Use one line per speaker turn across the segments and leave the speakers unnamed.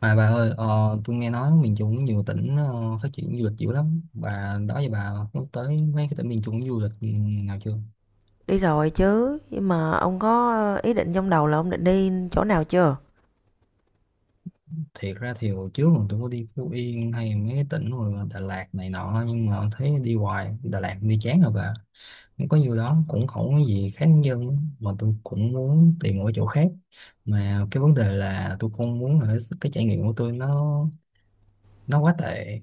Mà bà ơi, tôi nghe nói miền Trung có nhiều tỉnh phát triển du lịch dữ lắm. Bà đó giờ bà nhắc tới mấy cái tỉnh miền Trung du lịch nào chưa?
Đi rồi chứ, nhưng mà ông có ý định trong đầu là ông định đi chỗ nào chưa?
Thiệt ra thì hồi trước mà tôi có đi Phú Yên hay mấy cái tỉnh mà Đà Lạt này nọ, nhưng mà thấy đi hoài Đà Lạt đi chán rồi bà. Không có nhiều đó cũng không có gì khác dân, mà tôi cũng muốn tìm một cái chỗ khác. Mà cái vấn đề là tôi không muốn là cái trải nghiệm của tôi nó quá tệ,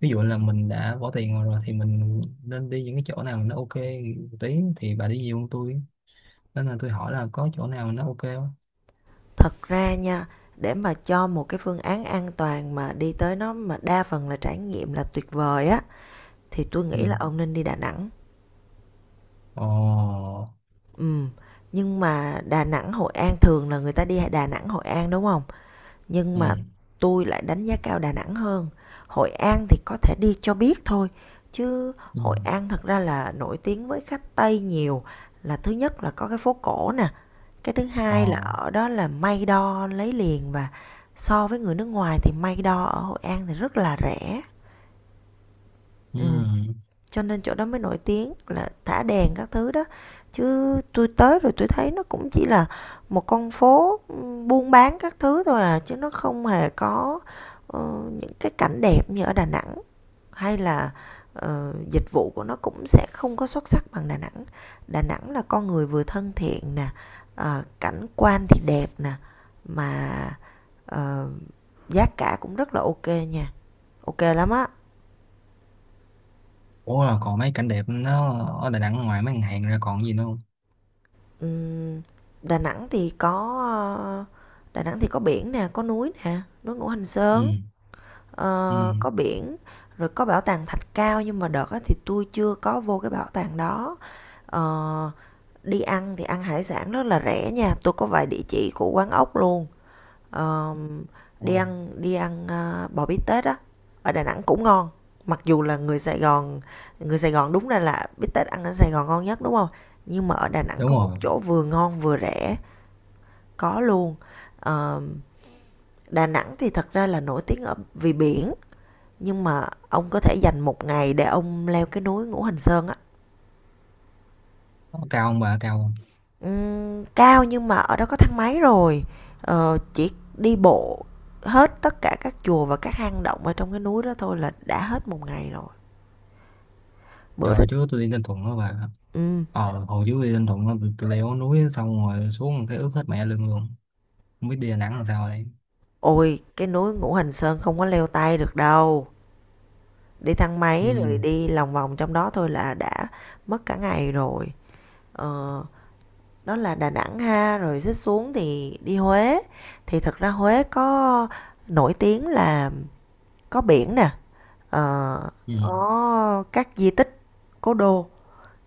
ví dụ là mình đã bỏ tiền rồi, rồi thì mình nên đi những cái chỗ nào nó ok một tí, thì bà đi nhiều hơn tôi nên là tôi hỏi là có chỗ nào nó ok không.
Thật ra nha, để mà cho một cái phương án an toàn mà đi tới nó mà đa phần là trải nghiệm là tuyệt vời á thì tôi nghĩ
Ừ.
là ông nên đi Đà Nẵng.
Ồ.
Ừ, nhưng mà Đà Nẵng Hội An thường là người ta đi Đà Nẵng Hội An đúng không? Nhưng
Ừ.
mà tôi lại đánh giá cao Đà Nẵng hơn. Hội An thì có thể đi cho biết thôi chứ
Ừ.
Hội An thật ra là nổi tiếng với khách Tây nhiều, là thứ nhất là có cái phố cổ nè, cái thứ
Ồ.
hai là ở đó là may đo lấy liền, và so với người nước ngoài thì may đo ở Hội An thì rất là rẻ. Ừ.
Ừ.
Cho nên chỗ đó mới nổi tiếng là thả đèn các thứ đó, chứ tôi tới rồi tôi thấy nó cũng chỉ là một con phố buôn bán các thứ thôi à, chứ nó không hề có ờ, những cái cảnh đẹp như ở Đà Nẵng, hay là dịch vụ của nó cũng sẽ không có xuất sắc bằng Đà Nẵng. Đà Nẵng là con người vừa thân thiện nè, cảnh quan thì đẹp nè, mà ờ, giá cả cũng rất là ok nha, ok lắm á.
Ủa, là còn mấy cảnh đẹp nó ở Đà Nẵng ngoài mấy ngân hàng ra còn gì nữa không?
Ừm, Đà Nẵng thì có ờ, biển nè, có núi nè, núi Ngũ Hành
Ừ.
Sơn.
Ừ.
Có biển, rồi có bảo tàng Thạch Cao, nhưng mà đợt á thì tôi chưa có vô cái bảo tàng đó. Ờ, Đi ăn thì ăn hải sản rất là rẻ nha, tôi có vài địa chỉ của quán ốc luôn. Ờ, đi
Ồ,
ăn đi ăn bò bít tết á, ở Đà Nẵng cũng ngon, mặc dù là người Sài Gòn, người Sài Gòn đúng ra là bít tết ăn ở Sài Gòn ngon nhất đúng không, nhưng mà ở Đà Nẵng
đúng
có một
rồi.
chỗ vừa ngon vừa rẻ, có luôn. Ờ, Đà Nẵng thì thật ra là nổi tiếng ở vì biển, nhưng mà ông có thể dành một ngày để ông leo cái núi Ngũ Hành Sơn á.
Nó cao không bà, cao không?
Cao, nhưng mà ở đó có thang máy rồi. Chỉ đi bộ hết tất cả các chùa và các hang động ở trong cái núi đó thôi là đã hết một ngày rồi, bữa đó.
Rồi, chứ tôi đi Ninh Thuận đó bà.
Ừm,
Hồi trước đi Ninh Thuận đó, tôi leo núi xong rồi xuống cái ướt hết mẹ lưng luôn, không biết đi Đà Nẵng làm sao đây.
Ôi, cái núi Ngũ Hành Sơn không có leo tay được đâu, đi thang
Ừ.
máy rồi đi lòng vòng trong đó thôi là đã mất cả ngày rồi. Ờ, Đó là Đà Nẵng ha, rồi xích xuống thì đi Huế, thì thật ra Huế có nổi tiếng là có biển nè, ờ,
Ừ.
có các di tích, cố đô,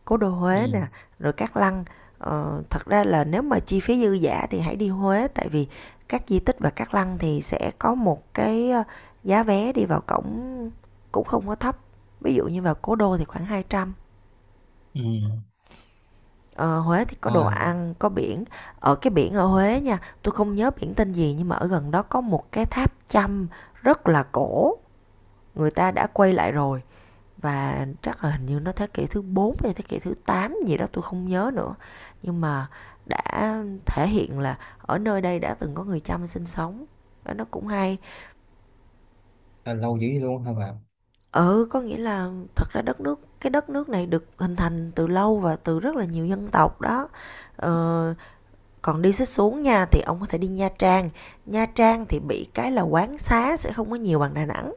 cố đô Huế nè,
Ừ.
rồi các lăng. Thật ra là nếu mà chi phí dư giả thì hãy đi Huế, tại vì các di tích và các lăng thì sẽ có một cái giá vé đi vào cổng cũng không có thấp, ví dụ như vào cố đô thì khoảng 200.
Ừ.
Ờ, Huế thì có đồ
Rồi.
ăn, có biển. Ở cái biển ở Huế nha, tôi không nhớ biển tên gì, nhưng mà ở gần đó có một cái tháp chăm rất là cổ. Người ta đã quay lại rồi, và chắc là hình như nó thế kỷ thứ 4 hay thế kỷ thứ 8 gì đó, tôi không nhớ nữa. Nhưng mà đã thể hiện là ở nơi đây đã từng có người chăm sinh sống. Đó, nó cũng hay.
Là lâu dữ luôn hả bạn?
Ừ, có nghĩa là thật ra đất nước, cái đất nước này được hình thành từ lâu và từ rất là nhiều dân tộc đó. Ờ, Còn đi xích xuống nha thì ông có thể đi Nha Trang. Nha Trang thì bị cái là quán xá sẽ không có nhiều bằng Đà Nẵng,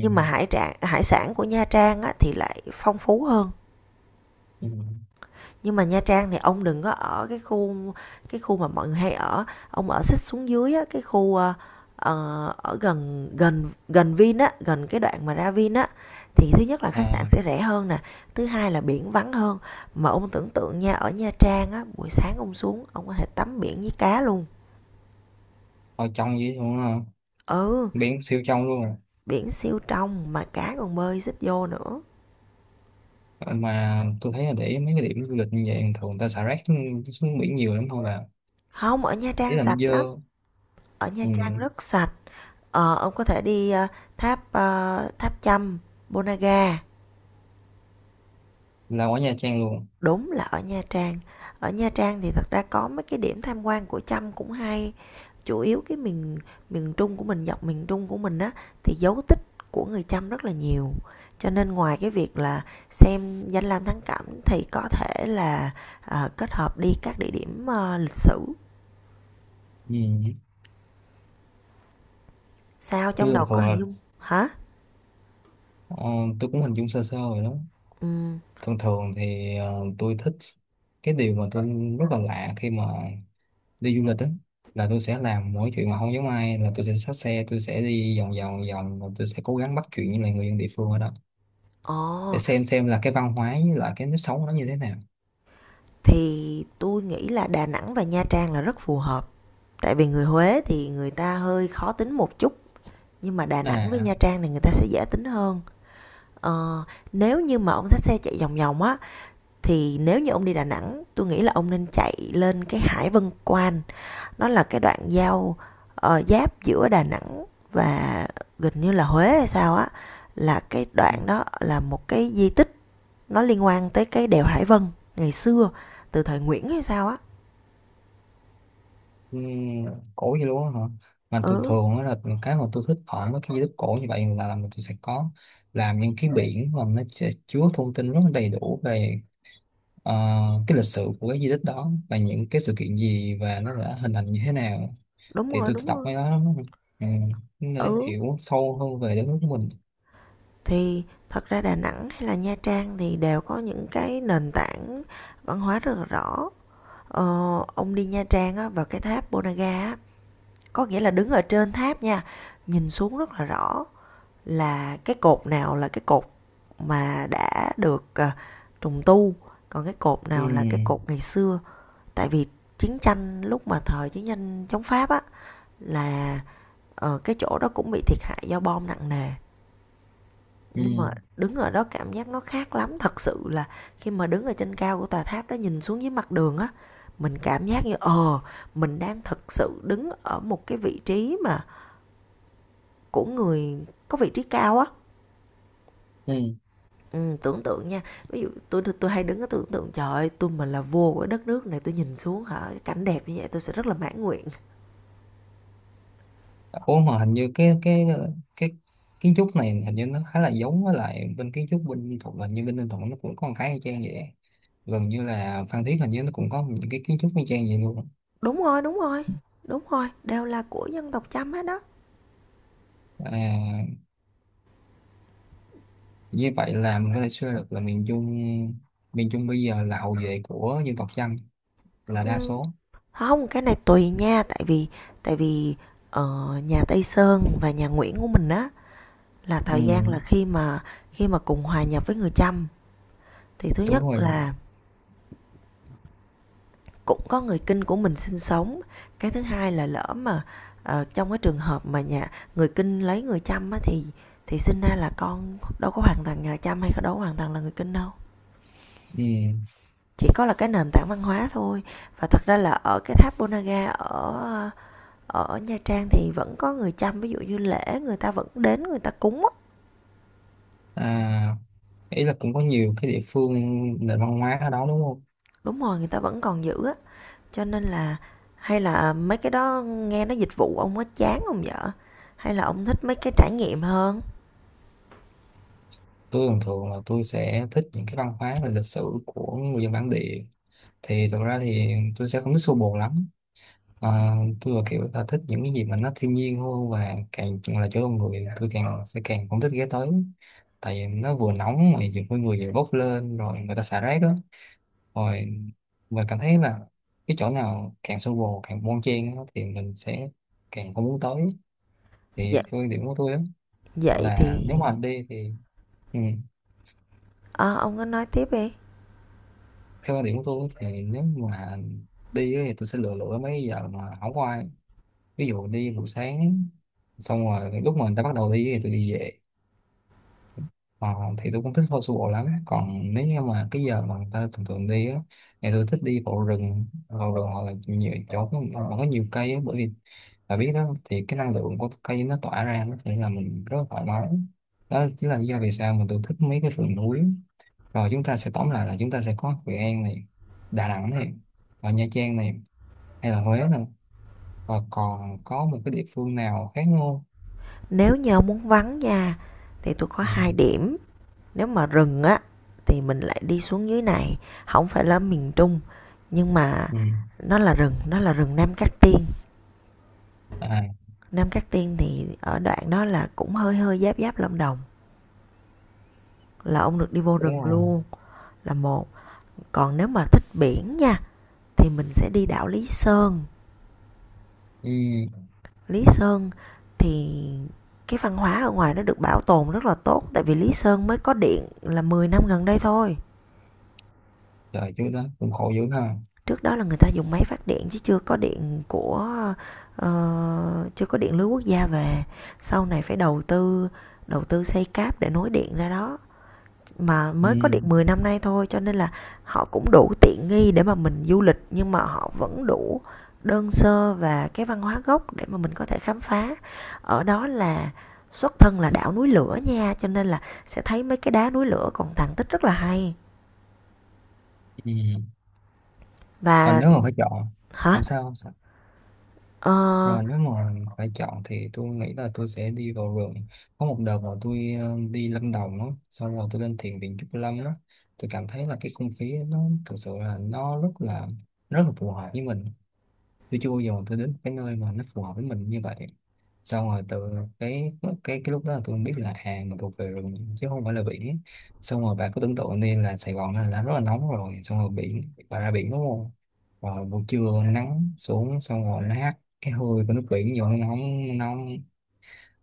nhưng mà hải trạng hải sản của Nha Trang á, thì lại phong phú hơn.
Ừ.
Nhưng mà Nha Trang thì ông đừng có ở cái khu mà mọi người hay ở, ông ở xích xuống dưới á, cái khu ở gần gần gần Vin á, gần cái đoạn mà ra Vin á, thì thứ nhất là khách sạn
À,
sẽ rẻ hơn nè, thứ hai là biển vắng hơn, mà ông tưởng tượng nha, ở Nha Trang á buổi sáng ông xuống ông có thể tắm biển với cá luôn.
hồi trong dữ luôn hả?
Ừ,
Biển siêu trong luôn rồi.
biển siêu trong mà cá còn bơi xích vô nữa.
Ờ, mà tôi thấy là để ý mấy cái điểm du lịch như vậy thường người ta xả rác xuống biển nhiều lắm thôi bạn.
Không, ở Nha
Ý
Trang
là nó
sạch lắm,
dơ.
ở Nha
Ừ.
Trang rất sạch. Ông có thể đi tháp tháp Chăm Bonaga.
Là ở Nha Trang luôn?
Đúng, là ở Nha Trang. Ở Nha Trang thì thật ra có mấy cái điểm tham quan của Chăm cũng hay. Chủ yếu cái miền miền Trung của mình, dọc miền Trung của mình á, thì dấu tích của người Chăm rất là nhiều, cho nên ngoài cái việc là xem danh lam thắng cảnh thì có thể là kết hợp đi các địa điểm lịch sử.
Ừ.
Sao
Tôi
trong
thường
đầu có
thường
hình
là
dung hả?
ờ, tôi cũng hình dung sơ sơ rồi đó.
Ừm,
Thường thường thì tôi thích cái điều mà tôi rất là lạ khi mà đi du lịch đó là tôi sẽ làm mỗi chuyện mà không giống ai, là tôi sẽ xách xe tôi sẽ đi vòng vòng vòng và tôi sẽ cố gắng bắt chuyện với lại người dân địa phương ở đó,
ồ,
để xem là cái văn hóa với lại cái nếp sống nó như thế nào.
thì tôi nghĩ là Đà Nẵng và Nha Trang là rất phù hợp. Tại vì người Huế thì người ta hơi khó tính một chút, nhưng mà Đà Nẵng với
À.
Nha Trang thì người ta sẽ dễ tính hơn. Ờ, Nếu như mà ông xách xe chạy vòng vòng á, thì nếu như ông đi Đà Nẵng, tôi nghĩ là ông nên chạy lên cái Hải Vân Quan. Nó là cái đoạn giao giáp giữa Đà Nẵng và gần như là Huế hay sao á. Là cái đoạn đó là một cái di tích, nó liên quan tới cái đèo Hải Vân ngày xưa, từ thời Nguyễn hay sao á.
ừm, Cổ vậy luôn á hả? Mà tôi
Ừ,
thường á là cái mà tôi thích ở mấy cái di tích cổ như vậy là tôi sẽ có làm những cái biển mà nó sẽ chứa thông tin rất là đầy đủ về ờ, cái lịch sử của cái di tích đó và những cái sự kiện gì và nó đã hình thành như thế nào. Thì tôi
đúng
đọc
rồi.
mấy đó, ừ, để
Ừ,
hiểu sâu hơn về đất nước của mình.
thì thật ra Đà Nẵng hay là Nha Trang thì đều có những cái nền tảng văn hóa rất là rõ. ờ, ông đi Nha Trang á, vào cái tháp Bonaga á, có nghĩa là đứng ở trên tháp nha, nhìn xuống rất là rõ là cái cột nào là cái cột mà đã được, à, trùng tu, còn cái cột
Ừ.
nào là cái cột ngày xưa. Tại vì chiến tranh, lúc mà thời chiến tranh chống Pháp á, là cái chỗ đó cũng bị thiệt hại do bom nặng nề.
Ừ.
Nhưng mà đứng ở đó cảm giác nó khác lắm, thật sự là khi mà đứng ở trên cao của tòa tháp đó nhìn xuống dưới mặt đường á, mình cảm giác như ờ mình đang thực sự đứng ở một cái vị trí mà của người có vị trí cao á.
Ừ.
Ừ, tưởng tượng nha, ví dụ tôi hay đứng ở, tưởng tượng trời ơi, tôi mà là vua của đất nước này, tôi nhìn xuống hả, cái cảnh đẹp như vậy tôi sẽ rất là mãn nguyện.
Ủa, mà hình như cái kiến trúc này, hình như nó khá là giống với lại bên kiến trúc bên Ninh Thuận, hình như bên Ninh Thuận nó cũng có một cái y chang vậy, gần như là Phan Thiết hình như nó cũng có những cái kiến trúc y chang vậy luôn.
đúng rồi đúng rồi Đúng rồi, đều là của dân tộc chăm hết đó.
À, như vậy là mình có thể suy ra được là miền Trung bây giờ là hậu vệ của dân tộc Chăm, là đa
Ừ.
số.
Không, cái này tùy nha, tại vì tại vì ở nhà Tây Sơn và nhà Nguyễn của mình á là thời gian là
Ừ,
khi mà cùng hòa nhập với người Chăm, thì thứ
đúng
nhất
rồi.
là cũng có người Kinh của mình sinh sống, cái thứ hai là lỡ mà trong cái trường hợp mà nhà người Kinh lấy người Chăm á thì sinh ra là con đâu có hoàn toàn là Chăm hay đâu có hoàn toàn là người Kinh đâu.
Ừ.
Chỉ có là cái nền tảng văn hóa thôi. Và thật ra là ở cái tháp Ponagar ở ở Nha Trang thì vẫn có người chăm, ví dụ như lễ người ta vẫn đến người ta cúng á.
À, ý là cũng có nhiều cái địa phương nền văn hóa ở đó đúng không?
Đúng rồi, người ta vẫn còn giữ á, cho nên là hay là mấy cái đó nghe nó dịch vụ ông có chán không vợ, hay là ông thích mấy cái trải nghiệm hơn?
Tôi thường thường là tôi sẽ thích những cái văn hóa và lịch sử của người dân bản địa. Thì thực ra thì tôi sẽ không thích xô bồ lắm. Ờ, tôi là kiểu là thích những cái gì mà nó thiên nhiên hơn, và càng là chỗ con người tôi càng sẽ càng không thích ghé tới, tại vì nó vừa nóng mà nhiều con người vừa bốc lên rồi người ta xả rác đó, rồi mình cảm thấy là cái chỗ nào càng xô bồ càng bon chen á, thì mình sẽ càng không muốn tới, thì
Vậy
theo quan điểm của tôi đó.
Vậy
Là
thì
nếu mà anh đi thì, ừ,
ờ, ông có nói tiếp đi.
theo quan điểm của tôi thì nếu mà đi ấy, thì tôi sẽ lựa lựa mấy giờ mà không có ai, ví dụ đi buổi sáng xong rồi lúc mà người ta bắt đầu đi thì tôi đi về, ờ, thì tôi cũng thích thôi su bộ lắm, còn nếu như mà cái giờ mà người ta thường thường đi á thì tôi thích đi bộ rừng, vào rừng hoặc là nhiều chỗ mà có nhiều cây á, bởi vì bà biết đó thì cái năng lượng của cây nó tỏa ra nó sẽ là mình rất là thoải mái, đó chính là lý do vì sao mà tôi thích mấy cái rừng núi. Rồi chúng ta sẽ tóm lại là chúng ta sẽ có Hội An này, Đà Nẵng này, ở Nha Trang này, hay là Huế này, và còn có một cái địa phương nào khác không?
Nếu như ông muốn vắng nha, thì tôi có
Ừ.
hai điểm. Nếu mà rừng á, thì mình lại đi xuống dưới này, không phải là miền Trung, nhưng mà
Ừ.
nó là rừng, nó là rừng Nam Cát Tiên.
À.
Nam Cát Tiên thì ở đoạn đó là cũng hơi hơi giáp giáp Lâm Đồng, là ông được đi vô
Đúng
rừng
rồi.
luôn, là một. Còn nếu mà thích biển nha, thì mình sẽ đi đảo Lý Sơn.
Ừ.
Lý Sơn thì cái văn hóa ở ngoài nó được bảo tồn rất là tốt, tại vì Lý Sơn mới có điện là 10 năm gần đây thôi.
Trời chứ đó cũng khổ dữ ha.
Trước đó là người ta dùng máy phát điện, chứ chưa có điện của chưa có điện lưới quốc gia về. Sau này phải đầu tư, xây cáp để nối điện ra đó, mà
Ừ.
mới có được 10 năm nay thôi, cho nên là họ cũng đủ tiện nghi để mà mình du lịch, nhưng mà họ vẫn đủ đơn sơ và cái văn hóa gốc để mà mình có thể khám phá. Ở đó là xuất thân là đảo núi lửa nha, cho nên là sẽ thấy mấy cái đá núi lửa còn tàn tích rất là hay.
Ừ. Mà
Và
nếu mà phải chọn.
hả?
Không sao, không sao.
ờ
Rồi nếu mà phải chọn thì tôi nghĩ là tôi sẽ đi vào rừng. Có một đợt mà tôi đi Lâm Đồng đó, xong rồi tôi lên thiền viện Trúc Lâm đó, tôi cảm thấy là cái không khí nó thực sự là nó rất là phù hợp với mình. Tôi chưa bao giờ tôi đến cái nơi mà nó phù hợp với mình như vậy. Xong rồi từ cái cái lúc đó là tôi biết là à mình thuộc về rừng chứ không phải là biển. Xong rồi bà cứ tưởng tượng đi là Sài Gòn là rất là nóng, rồi xong rồi biển bà ra biển đúng không, rồi buổi trưa nắng xuống xong rồi nó hắt cái hơi của nước biển vô nó nóng nóng,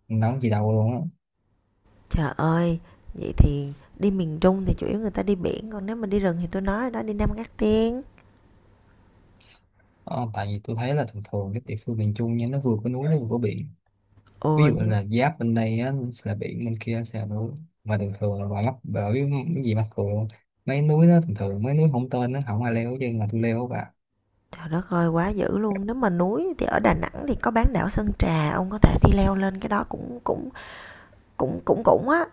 nóng gì đâu luôn á.
Trời ơi, vậy thì đi miền Trung thì chủ yếu người ta đi biển, còn nếu mà đi rừng thì tôi nói đó, đi Nam Cát Tiên.
Ờ, tại vì tôi thấy là thường thường các địa phương miền Trung nha nó vừa có núi nó vừa có biển, ví
Ồ,
dụ như
nhưng
là giáp bên đây á, là biển bên kia sẽ là núi, mà thường thường là ngoài mắc, bởi vì cái gì mắc cựa mấy núi đó thường thường mấy núi không tên nó không ai leo chứ mà tôi leo và.
Trời đất ơi, quá dữ luôn. Nếu mà núi thì ở Đà Nẵng thì có bán đảo Sơn Trà, ông có thể đi leo lên cái đó cũng cũng cũng cũng cũng á.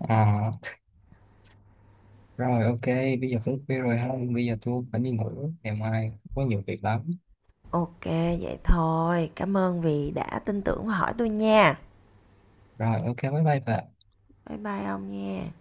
À, rồi ok, bây giờ cũng khuya rồi ha, bây giờ tôi phải đi ngủ, ngày mai có nhiều việc lắm.
Ok, vậy thôi. Cảm ơn vì đã tin tưởng và hỏi tôi nha.
Rồi ok, bye bye bà.
Bye bye ông nha.